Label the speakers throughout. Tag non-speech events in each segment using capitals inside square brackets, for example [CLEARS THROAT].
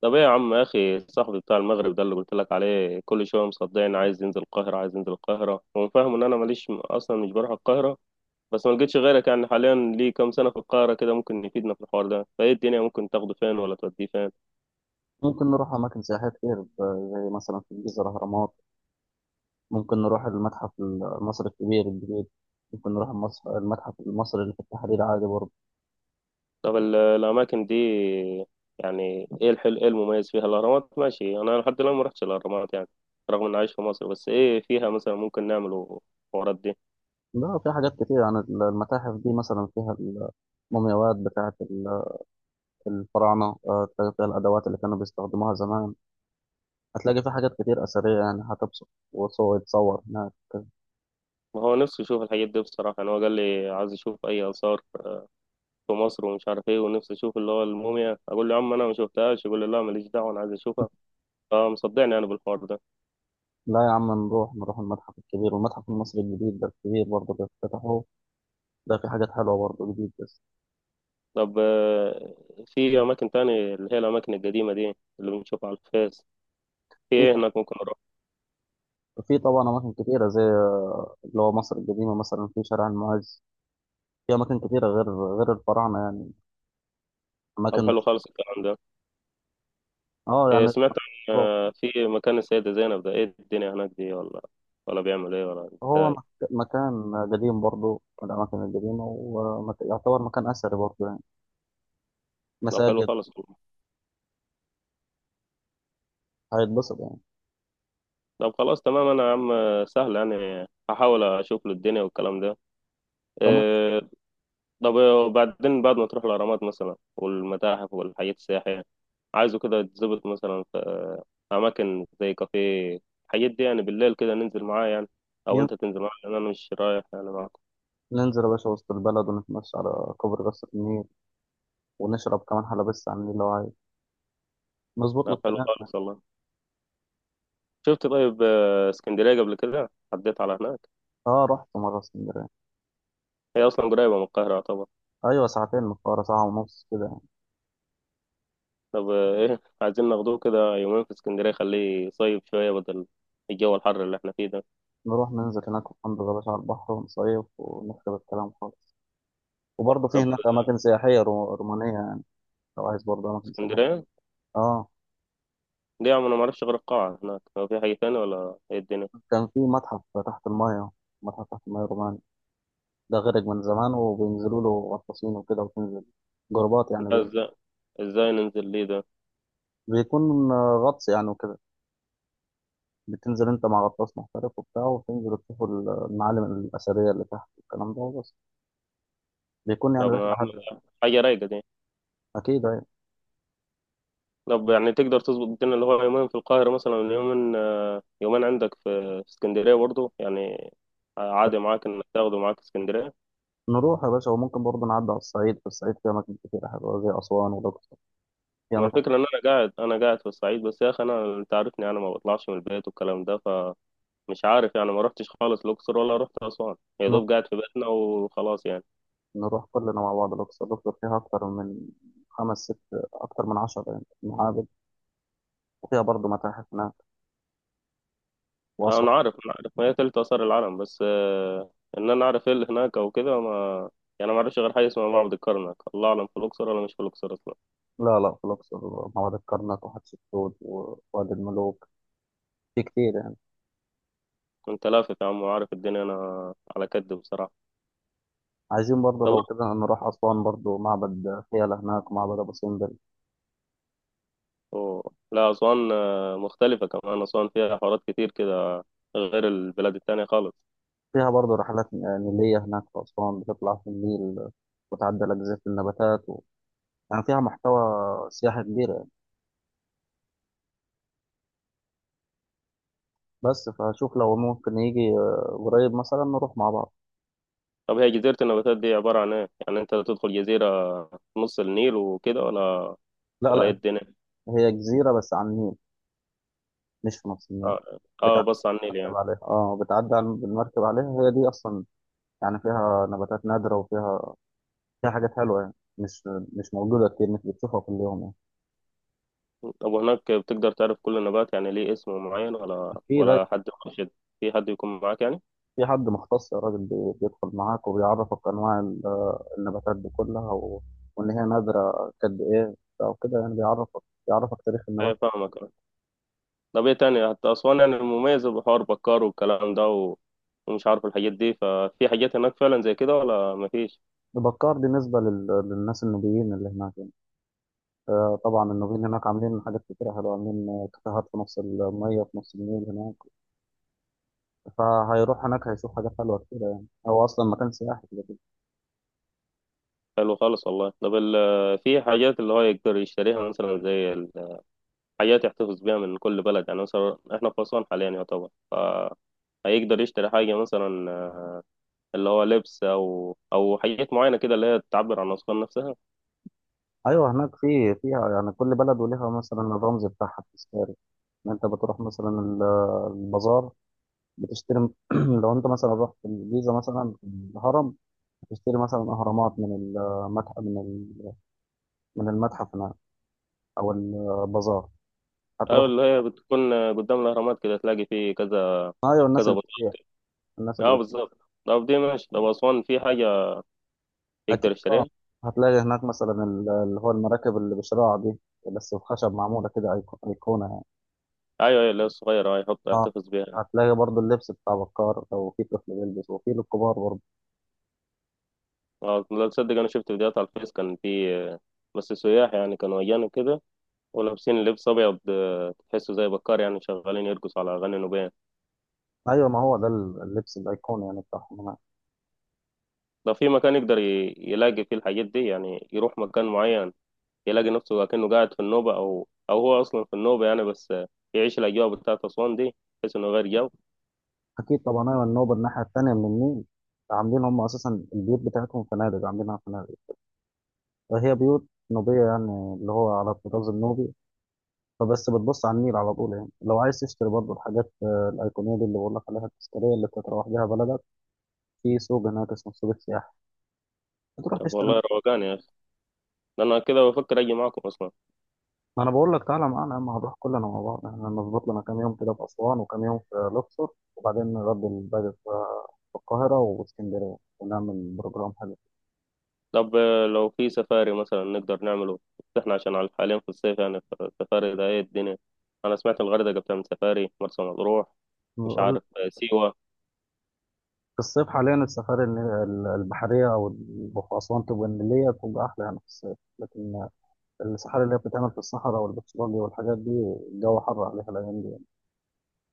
Speaker 1: طب، ايه يا عم يا اخي؟ صاحبي بتاع المغرب ده، اللي قلت لك عليه كل شويه، مصدقني عايز ينزل القاهره، عايز ينزل القاهره. هو فاهم ان انا ماليش اصلا، مش بروح القاهره. بس ما لقيتش غيرك يعني حاليا، ليه كام سنه في القاهره كده، ممكن يفيدنا في الحوار ده. فايه الدنيا؟ ممكن تاخده فين ولا توديه فين؟
Speaker 2: ممكن نروح أماكن سياحية كتير زي مثلا في الجيزة الأهرامات. ممكن نروح المتحف المصري الكبير الجديد. ممكن نروح المتحف المصري اللي في التحرير عادي برضه.
Speaker 1: طب الاماكن دي، يعني ايه الحلو، ايه المميز فيها؟ الاهرامات ماشي، انا لحد الان ما رحتش الاهرامات يعني، رغم اني عايش في مصر. بس ايه فيها مثلا ممكن نعمله الحوارات دي؟
Speaker 2: لا، في حاجات كتير عن المتاحف دي، مثلا فيها المومياوات بتاعة الفراعنة. تلاقي فيها الأدوات اللي كانوا بيستخدموها زمان. هتلاقي في حاجات كتير أثرية، يعني هتبسط، وصور يتصور هناك.
Speaker 1: ما هو نفسي يشوف الحاجات دي بصراحه. يعني هو قال لي عايز يشوف اي اثار في مصر ومش عارف ايه، ونفسي اشوف اللي هو الموميا. اقول له يا عم انا ما شفتهاش، يقول لي لا ماليش دعوه انا عايز اشوفها. فمصدعني انا بالحوار ده.
Speaker 2: لا يا عم، نروح المتحف الكبير والمتحف المصري الجديد، ده الكبير برضه اللي افتتحوه. ده في حاجات حلوة برضه جديد بس.
Speaker 1: طب آه، في اماكن تاني اللي هي الاماكن القديمه دي اللي بنشوفها على الفيس، في
Speaker 2: في
Speaker 1: ايه هناك ممكن اروح؟
Speaker 2: في طبعا أماكن كتيرة زي، اللي هو مصر القديمة مثلا في شارع المعز. في أماكن كتيرة غير الفراعنة يعني،
Speaker 1: طب
Speaker 2: أماكن
Speaker 1: حلو
Speaker 2: بس.
Speaker 1: خالص الكلام ده.
Speaker 2: أه
Speaker 1: إيه،
Speaker 2: يعني.
Speaker 1: سمعت عن
Speaker 2: هو
Speaker 1: في مكان السيده زينب ده، ايه الدنيا هناك دي، ولا بيعمل ايه، ولا
Speaker 2: هو
Speaker 1: ازاي؟
Speaker 2: مك- مكان قديم برضه من الأماكن القديمة، ويعتبر مكان أثري برضه يعني،
Speaker 1: طب حلو
Speaker 2: مساجد.
Speaker 1: خالص.
Speaker 2: هيتبسط يعني.
Speaker 1: طب خلاص تمام. انا يا عم سهل يعني، هحاول اشوف له الدنيا والكلام ده.
Speaker 2: فما
Speaker 1: آه، طب وبعدين، بعد ما تروح الأهرامات مثلا والمتاحف والحاجات السياحية، عايزه كده تظبط مثلا في أماكن زي كافيه الحاجات دي يعني، بالليل كده ننزل معاه يعني، أو
Speaker 2: ين-
Speaker 1: أنت تنزل معاه لأن أنا مش رايح يعني معاكم.
Speaker 2: ننزل يا باشا وسط البلد، ونتمشى على كوبري قصر النيل، ونشرب كمان حلبس على النيل لو عايز. مظبوط له
Speaker 1: طب حلو
Speaker 2: الكلام.
Speaker 1: خالص والله. شفت طيب، اسكندرية قبل كده عديت على هناك؟
Speaker 2: أه، رحت مرة اسكندرية.
Speaker 1: هي أصلا قريبة من القاهرة طبعا.
Speaker 2: أيوة، ساعتين من القاهرة، ساعة ونص كده.
Speaker 1: طب [LAUGHS] إيه، عايزين ناخدوه كده يومين في اسكندرية، خليه يصيف شوية بدل الجو الحر اللي احنا فيه ده.
Speaker 2: نروح ننزل هناك وننضغ يا باشا على البحر، ونصيف، ونخرب الكلام خالص. وبرضه في
Speaker 1: طب
Speaker 2: هناك أماكن سياحية رومانية يعني، لو عايز برضه أماكن سياحية.
Speaker 1: اسكندرية
Speaker 2: آه.
Speaker 1: دي يا عم، أنا معرفش غير القاعة هناك، هو في حاجة تانية ولا إيه الدنيا؟
Speaker 2: كان في متحف تحت الماية، متحف تحت الماية روماني، ده غرق من زمان، وبينزلوا له غطاسين وكده، وتنزل جروبات يعني.
Speaker 1: ازاي؟ ازاي ننزل ليه ده؟
Speaker 2: بيكون غطس يعني وكده. بتنزل أنت مع غطاس محترف وبتاع، وتنزل تشوف المعالم الأثرية اللي تحت والكلام ده وبس. بيكون يعني
Speaker 1: طب ما
Speaker 2: رحلة حلوة يعني.
Speaker 1: أعمل حاجة رايقة دي.
Speaker 2: أكيد، أيوة.
Speaker 1: طب يعني تقدر تظبط الدنيا اللي هو يومين في القاهرة مثلا، يومين، يومين عندك في في اسكندرية برضو يعني؟ عادي معاك انك تاخده معاك اسكندرية.
Speaker 2: نروح يا باشا، وممكن برضه نعدي على الصعيد. في الصعيد فيها أماكن كتير حلوة زي أسوان والأقصر. في
Speaker 1: ما
Speaker 2: أماكن.
Speaker 1: الفكرة ان انا قاعد في الصعيد بس يا اخي، انت عارفني، انا ما بطلعش من البيت والكلام ده، فمش عارف يعني. ما رحتش خالص الاقصر ولا رحت اسوان، يا
Speaker 2: نروح
Speaker 1: دوب قاعد في بيتنا وخلاص يعني.
Speaker 2: نروح كلنا مع بعض الأقصر. الأقصر فيها أكتر من خمس ست أكتر من عشرة يعني معابد، وفيها برضه متاحف هناك،
Speaker 1: انا
Speaker 2: وأسوان.
Speaker 1: عارف انا عارف ما هي تلت اثار العالم، بس ان انا اعرف ايه اللي هناك او كده، ما يعني ما اعرفش غير حاجه اسمها معبد الكرنك. الله اعلم في الاقصر ولا مش في الاقصر اصلا.
Speaker 2: لا لا، في الأقصر وادي الكرنك وحتشبسوت ووادي الملوك، في كتير يعني.
Speaker 1: انت لافف يا عم وعارف الدنيا، انا على كد بصراحه.
Speaker 2: عايزين برضه
Speaker 1: طب
Speaker 2: لو كده نروح أسوان برضه، معبد فيلة هناك ومعبد أبو سمبل.
Speaker 1: أوه. لا، اسوان مختلفه كمان، اسوان فيها حوارات كتير كده غير البلاد التانية خالص.
Speaker 2: فيها برضه رحلات نيلية هناك في أسوان، بتطلع في النيل وتعدي على جزيرة النباتات و... يعني فيها محتوى سياحي كبير. بس فشوف لو ممكن يجي قريب مثلا نروح مع بعض.
Speaker 1: طب هي جزيره النباتات دي عباره عن ايه يعني، انت تدخل جزيره في نص النيل وكده، ولا
Speaker 2: لا
Speaker 1: ولا ايه
Speaker 2: لا.
Speaker 1: الدنيا؟
Speaker 2: هي جزيرة بس على النيل، مش في نفس النيل.
Speaker 1: اه،
Speaker 2: بتعدي
Speaker 1: بص على النيل يعني.
Speaker 2: المركب عليها. اه، بتعدي بالمركب عليها، هي دي اصلا يعني. فيها نباتات نادرة، وفيها فيها حاجات حلوة يعني، مش مش موجودة كتير، مش بتشوفها كل يوم.
Speaker 1: طب وهناك بتقدر تعرف كل النبات يعني ليه اسم معين،
Speaker 2: يعني
Speaker 1: ولا
Speaker 2: في ده.
Speaker 1: ولا حد مرشد، في حد يكون معاك يعني؟
Speaker 2: في حد مختص يا راجل، بيدخل معاك، وبيعرفك انواع النباتات دي كلها، و... وان هي نادرة قد ايه او كده، يعني بيعرفك، بيعرفك تاريخ
Speaker 1: ايه،
Speaker 2: النبات.
Speaker 1: فاهمك آه. طب ايه تاني حتى أسوان، يعني المميزة بحوار بكار والكلام ده ومش عارف الحاجات دي، ففي حاجات هناك فعلا زي كده ولا مفيش؟
Speaker 2: بكار بالنسبة لل... للناس النوبيين اللي هناك يعني. طبعا النوبيين هناك عاملين حاجات كتيرة حلوة، عاملين كافيهات في نص المية في نص النيل هناك. فهيروح هناك هيشوف حاجات حلوة كتيرة يعني، هو أصلا مكان سياحي كده كده.
Speaker 1: حلو خالص والله. طب في حاجات اللي هو يقدر يشتريها مثلا، زي حاجات يحتفظ بيها من كل بلد، يعني مثلا احنا في أسوان حاليا يعتبر، فهيقدر يشتري حاجة مثلا اللي هو لبس، أو حاجات معينة كده اللي هي تعبر عن أسوان نفسها.
Speaker 2: أيوه، هناك في فيها يعني، كل بلد وليها مثلا الرمز بتاعها التذكاري. إن أنت بتروح مثلا البازار، بتشتري. [CLEARS THROAT] لو أنت مثلا رحت الجيزة، مثلا في الهرم، بتشتري مثلا أهرامات من المتحف، من من المتحف هناك أو البازار،
Speaker 1: أيوة،
Speaker 2: هتروح.
Speaker 1: اللي هي بتكون قدام الأهرامات كده تلاقي فيه كذا
Speaker 2: أيوه، الناس
Speaker 1: كذا
Speaker 2: اللي
Speaker 1: بندق.
Speaker 2: بتبيع. الناس اللي
Speaker 1: أه بالظبط. طب دي ماشي. طب أسوان في حاجة يقدر
Speaker 2: اكيد اه.
Speaker 1: يشتريها؟
Speaker 2: هتلاقي هناك مثلا اللي هو المراكب اللي بشراع دي، بس بخشب معموله كده، ايقونه يعني.
Speaker 1: أيوة أيوة، اللي هي الصغيرة أه، يحط
Speaker 2: اه،
Speaker 1: يحتفظ بيها يعني.
Speaker 2: هتلاقي برضو اللبس بتاع بكار، لو في طفل بيلبس، وفي للكبار برضو.
Speaker 1: أه، لا تصدق، أنا شفت فيديوهات على الفيس، كان في بس سياح يعني كانوا أجانب كده، ولابسين لبس أبيض، تحسه زي بكار، يعني شغالين يرقصوا على أغاني نوبية.
Speaker 2: ايوه، ما هو ده اللبس الايقوني يعني بتاعهم هناك.
Speaker 1: لو في مكان يقدر يلاقي فيه الحاجات دي يعني، يروح مكان معين يلاقي نفسه كأنه قاعد في النوبة، أو هو أصلا في النوبة يعني، بس يعيش الأجواء بتاعت أسوان دي، بحيث إنه غير جو.
Speaker 2: اكيد طبعا. ايوه، النوبه الناحيه التانيه من النيل. عاملين هم اساسا البيوت بتاعتهم فنادق، عاملينها فنادق. فهي بيوت نوبيه يعني، اللي هو على الطراز النوبي. فبس بتبص على النيل على طول يعني. لو عايز تشتري برضو الحاجات، الايقونيه دي اللي بقول لك عليها، التذكاريه اللي بتتروح بيها بلدك، في سوق هناك اسمه سوق السياحة، بتروح
Speaker 1: طب
Speaker 2: تشتري
Speaker 1: والله
Speaker 2: منه.
Speaker 1: روقان يا أخي، ده أنا كده بفكر أجي معاكم أصلا.
Speaker 2: ما انا بقول لك تعالى معانا يا عم، هنروح كلنا مع بعض. احنا نظبط لنا كام يوم كده في اسوان، وكام يوم في الاقصر، وبعدين نرد الباقي في في القاهرة واسكندرية، ونعمل بروجرام حلو.
Speaker 1: طب لو في سفاري مثلا نقدر نعمله، إحنا عشان على حاليا في الصيف يعني، السفاري ده إيه الدنيا؟ أنا سمعت الغردقة بتعمل سفاري، مرسى مطروح، مش
Speaker 2: بقول-
Speaker 1: عارف سيوة.
Speaker 2: في الصيف حاليا السفاري، البحرية، في أسوان تبقى النيلية، تبقى أحلى يعني في الصيف. لكن السفاري اللي هي بتتعمل في الصحراء والبترولي والحاجات دي، الجو حر عليها الأيام دي يعني.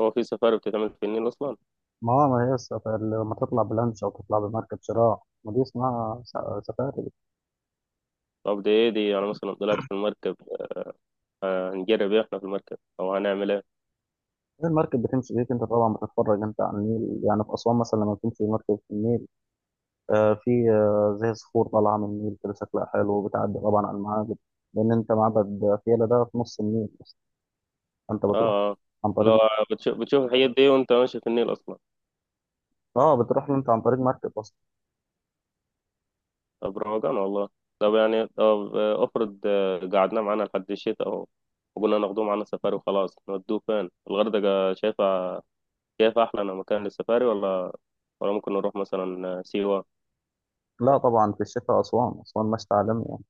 Speaker 1: هو في سفاري بتتعمل في النيل أصلا؟
Speaker 2: ما هو ما هي السفاري لما تطلع بلانش أو تطلع بمركب شراع، ما دي اسمها سفاري.
Speaker 1: طب دي إيه دي؟ أنا مثلا طلعت في المركب، آه، هنجرب إيه إحنا في المركب، أو هنعمل إيه؟
Speaker 2: المركب بتمشي بيك، انت طبعا بتتفرج انت على النيل يعني، في اسوان مثلا لما بتمشي مركب في النيل، آه في آه زي صخور طالعه من النيل كده شكلها حلو، وبتعدي طبعا على المعابد، لان انت معبد فيلة ده في نص النيل اصلا، فانت بتروح
Speaker 1: آه آه.
Speaker 2: عن طريق،
Speaker 1: لو بتشوف الحاجات دي وأنت ماشي في النيل أصلا؟
Speaker 2: اه، بتروح له انت عن طريق مركب اصلا.
Speaker 1: طب روقان والله. طب يعني، طب آه، افرض قعدنا معانا لحد الشتاء اهو، وقلنا ناخدوه معانا سفاري وخلاص، نودوه فين؟ الغردقة شايفة أحلى مكان للسفاري، ولا ممكن نروح مثلا سيوة؟
Speaker 2: لا طبعا، في الشتاء اسوان، اسوان مشتى عالمي يعني.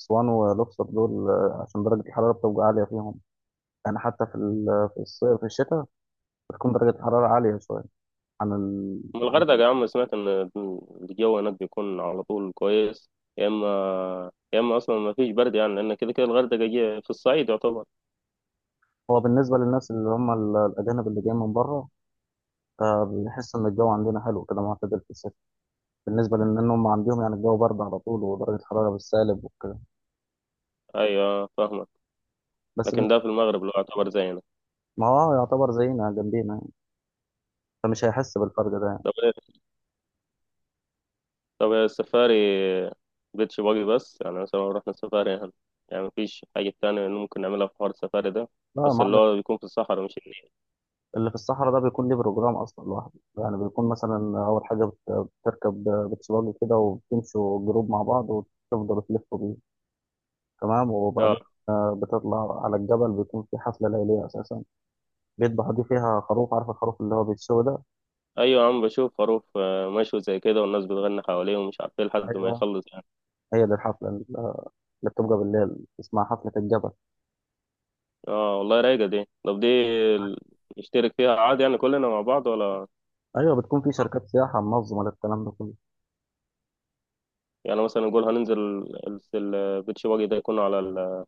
Speaker 2: اسوان والاقصر دول، عشان درجه الحراره بتبقى عاليه فيهم يعني، حتى في في الصيف، في الشتاء بتكون درجه الحراره عاليه شويه عن ال...
Speaker 1: من
Speaker 2: عن
Speaker 1: الغردقة يا عم، سمعت إن الجو هناك بيكون على طول كويس، يا إما يا إما أصلا ما فيش برد يعني، لأن كده كده الغردقة جي في الصعيد يعتبر.
Speaker 2: هو بالنسبة للناس اللي هم الأجانب اللي جايين من بره، فبنحس ان الجو عندنا حلو كده، معتدل في الصيف، بالنسبه لان هم عندهم يعني الجو برد على طول، ودرجه الحراره بالسالب وكده.
Speaker 1: أيوة فاهمك.
Speaker 2: بس
Speaker 1: لكن ده في
Speaker 2: بالنسبه،
Speaker 1: المغرب اللي هو يعتبر زينا.
Speaker 2: ما هو يعتبر زينا، جنبينا يعني. فمش هيحس بالفرق ده يعني.
Speaker 1: طب طب السفاري مبقتش باجي، بس يعني مثلا لو رحنا سفاري يعني مفيش حاجة تانية إنه ممكن نعملها في حوار السفاري ده،
Speaker 2: لا يا
Speaker 1: بس اللي
Speaker 2: معلم.
Speaker 1: هو بيكون في الصحراء مش النيل؟
Speaker 2: اللي في الصحراء ده بيكون ليه بروجرام اصلا لوحده يعني. بيكون مثلا اول حاجه بتركب، بتسواق كده، وبتمشوا جروب مع بعض، وتفضلوا تلفوا بيه. تمام.
Speaker 1: اه.
Speaker 2: وبعدين بتطلع على الجبل، بيكون في حفلة ليلية أساسا، بيذبحوا دي فيها خروف، عارف الخروف اللي هو بيتسوى ده.
Speaker 1: أيوة يا عم، بشوف خروف مشوي زي كده، والناس بتغني حواليه ومش عارف ايه لحد ما
Speaker 2: أيوه،
Speaker 1: يخلص يعني.
Speaker 2: هي دي الحفلة اللي بتبقى بالليل، اسمها حفلة الجبل.
Speaker 1: اه والله رايقة دي. طب دي، ال- نشترك فيها عادي يعني كلنا مع بعض ولا؟
Speaker 2: أيوة، بتكون في شركات سياحة منظمة للكلام ده كله.
Speaker 1: يعني مثلا نقول هننزل البيتش باجي ده، يكون على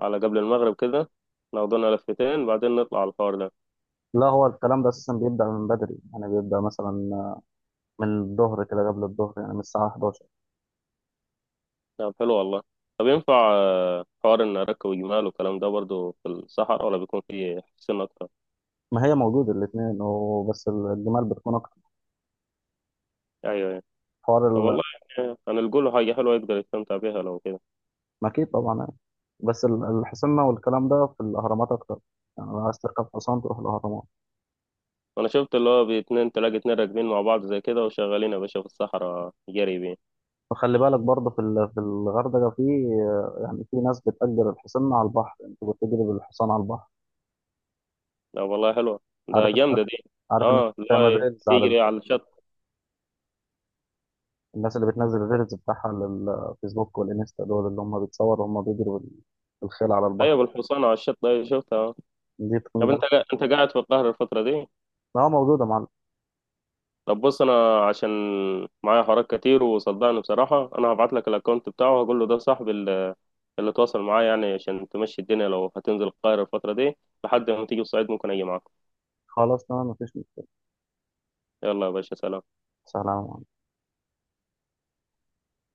Speaker 1: على قبل المغرب كده، ناخدنا لفتين بعدين نطلع على الحوار ده.
Speaker 2: لا، هو الكلام ده أساسا بيبدأ من بدري يعني، بيبدأ مثلا من الظهر كده، قبل الظهر يعني، من الساعة 11.
Speaker 1: طب حلو والله. طب ينفع حوار ان اركب جمال والكلام ده برضو في الصحراء، ولا بيكون فيه حسين اكتر؟
Speaker 2: ما هي موجودة الاتنين، وبس الجمال بتكون أكتر.
Speaker 1: ايوه ايوه.
Speaker 2: حوار
Speaker 1: طب
Speaker 2: ال-
Speaker 1: والله، يعني هنلقوا له حاجه حلوه يقدر يستمتع بيها لو كده.
Speaker 2: ما أكيد طبعا يعني. بس الحسنة والكلام ده في الأهرامات أكتر يعني، لو عايز تركب حصان تروح الأهرامات.
Speaker 1: انا شفت اللي هو باتنين، تلاقي اتنين راكبين مع بعض زي كده وشغالين يا باشا في الصحراء جري بيه.
Speaker 2: وخلي بالك برضه في في الغردقة، في يعني، في ناس بتأجر الحصان على البحر، أنت بتجري بالحصان على البحر.
Speaker 1: لا والله حلوه، ده
Speaker 2: عارف الناس
Speaker 1: جامده دي.
Speaker 2: عارف الناس
Speaker 1: اه، اللي
Speaker 2: بتعمل
Speaker 1: هو
Speaker 2: ريلز على،
Speaker 1: يجري على الشط.
Speaker 2: الناس اللي بتنزل الريلز بتاعها على الفيسبوك والانستا، دول اللي هم بيتصوروا، هم بيجروا بالخيل على
Speaker 1: ايوه،
Speaker 2: البحر.
Speaker 1: بالحصان على الشط، ايوه شفتها آه.
Speaker 2: دي تكون
Speaker 1: طب انت
Speaker 2: جامدة.
Speaker 1: انت قاعد في القاهره الفتره دي؟
Speaker 2: اه موجودة مع.
Speaker 1: طب بص، انا عشان معايا حوارات كتير، وصدقني بصراحه انا هبعت لك الاكونت بتاعه، هقول له ده صاحبي اللي تواصل معاه يعني عشان تمشي الدنيا، لو هتنزل القاهرة الفترة دي لحد ما تيجي الصعيد، ممكن أجي معاكم.
Speaker 2: خلاص تمام، مفيش مشكلة.
Speaker 1: يلا يا باشا، سلام.
Speaker 2: سلام.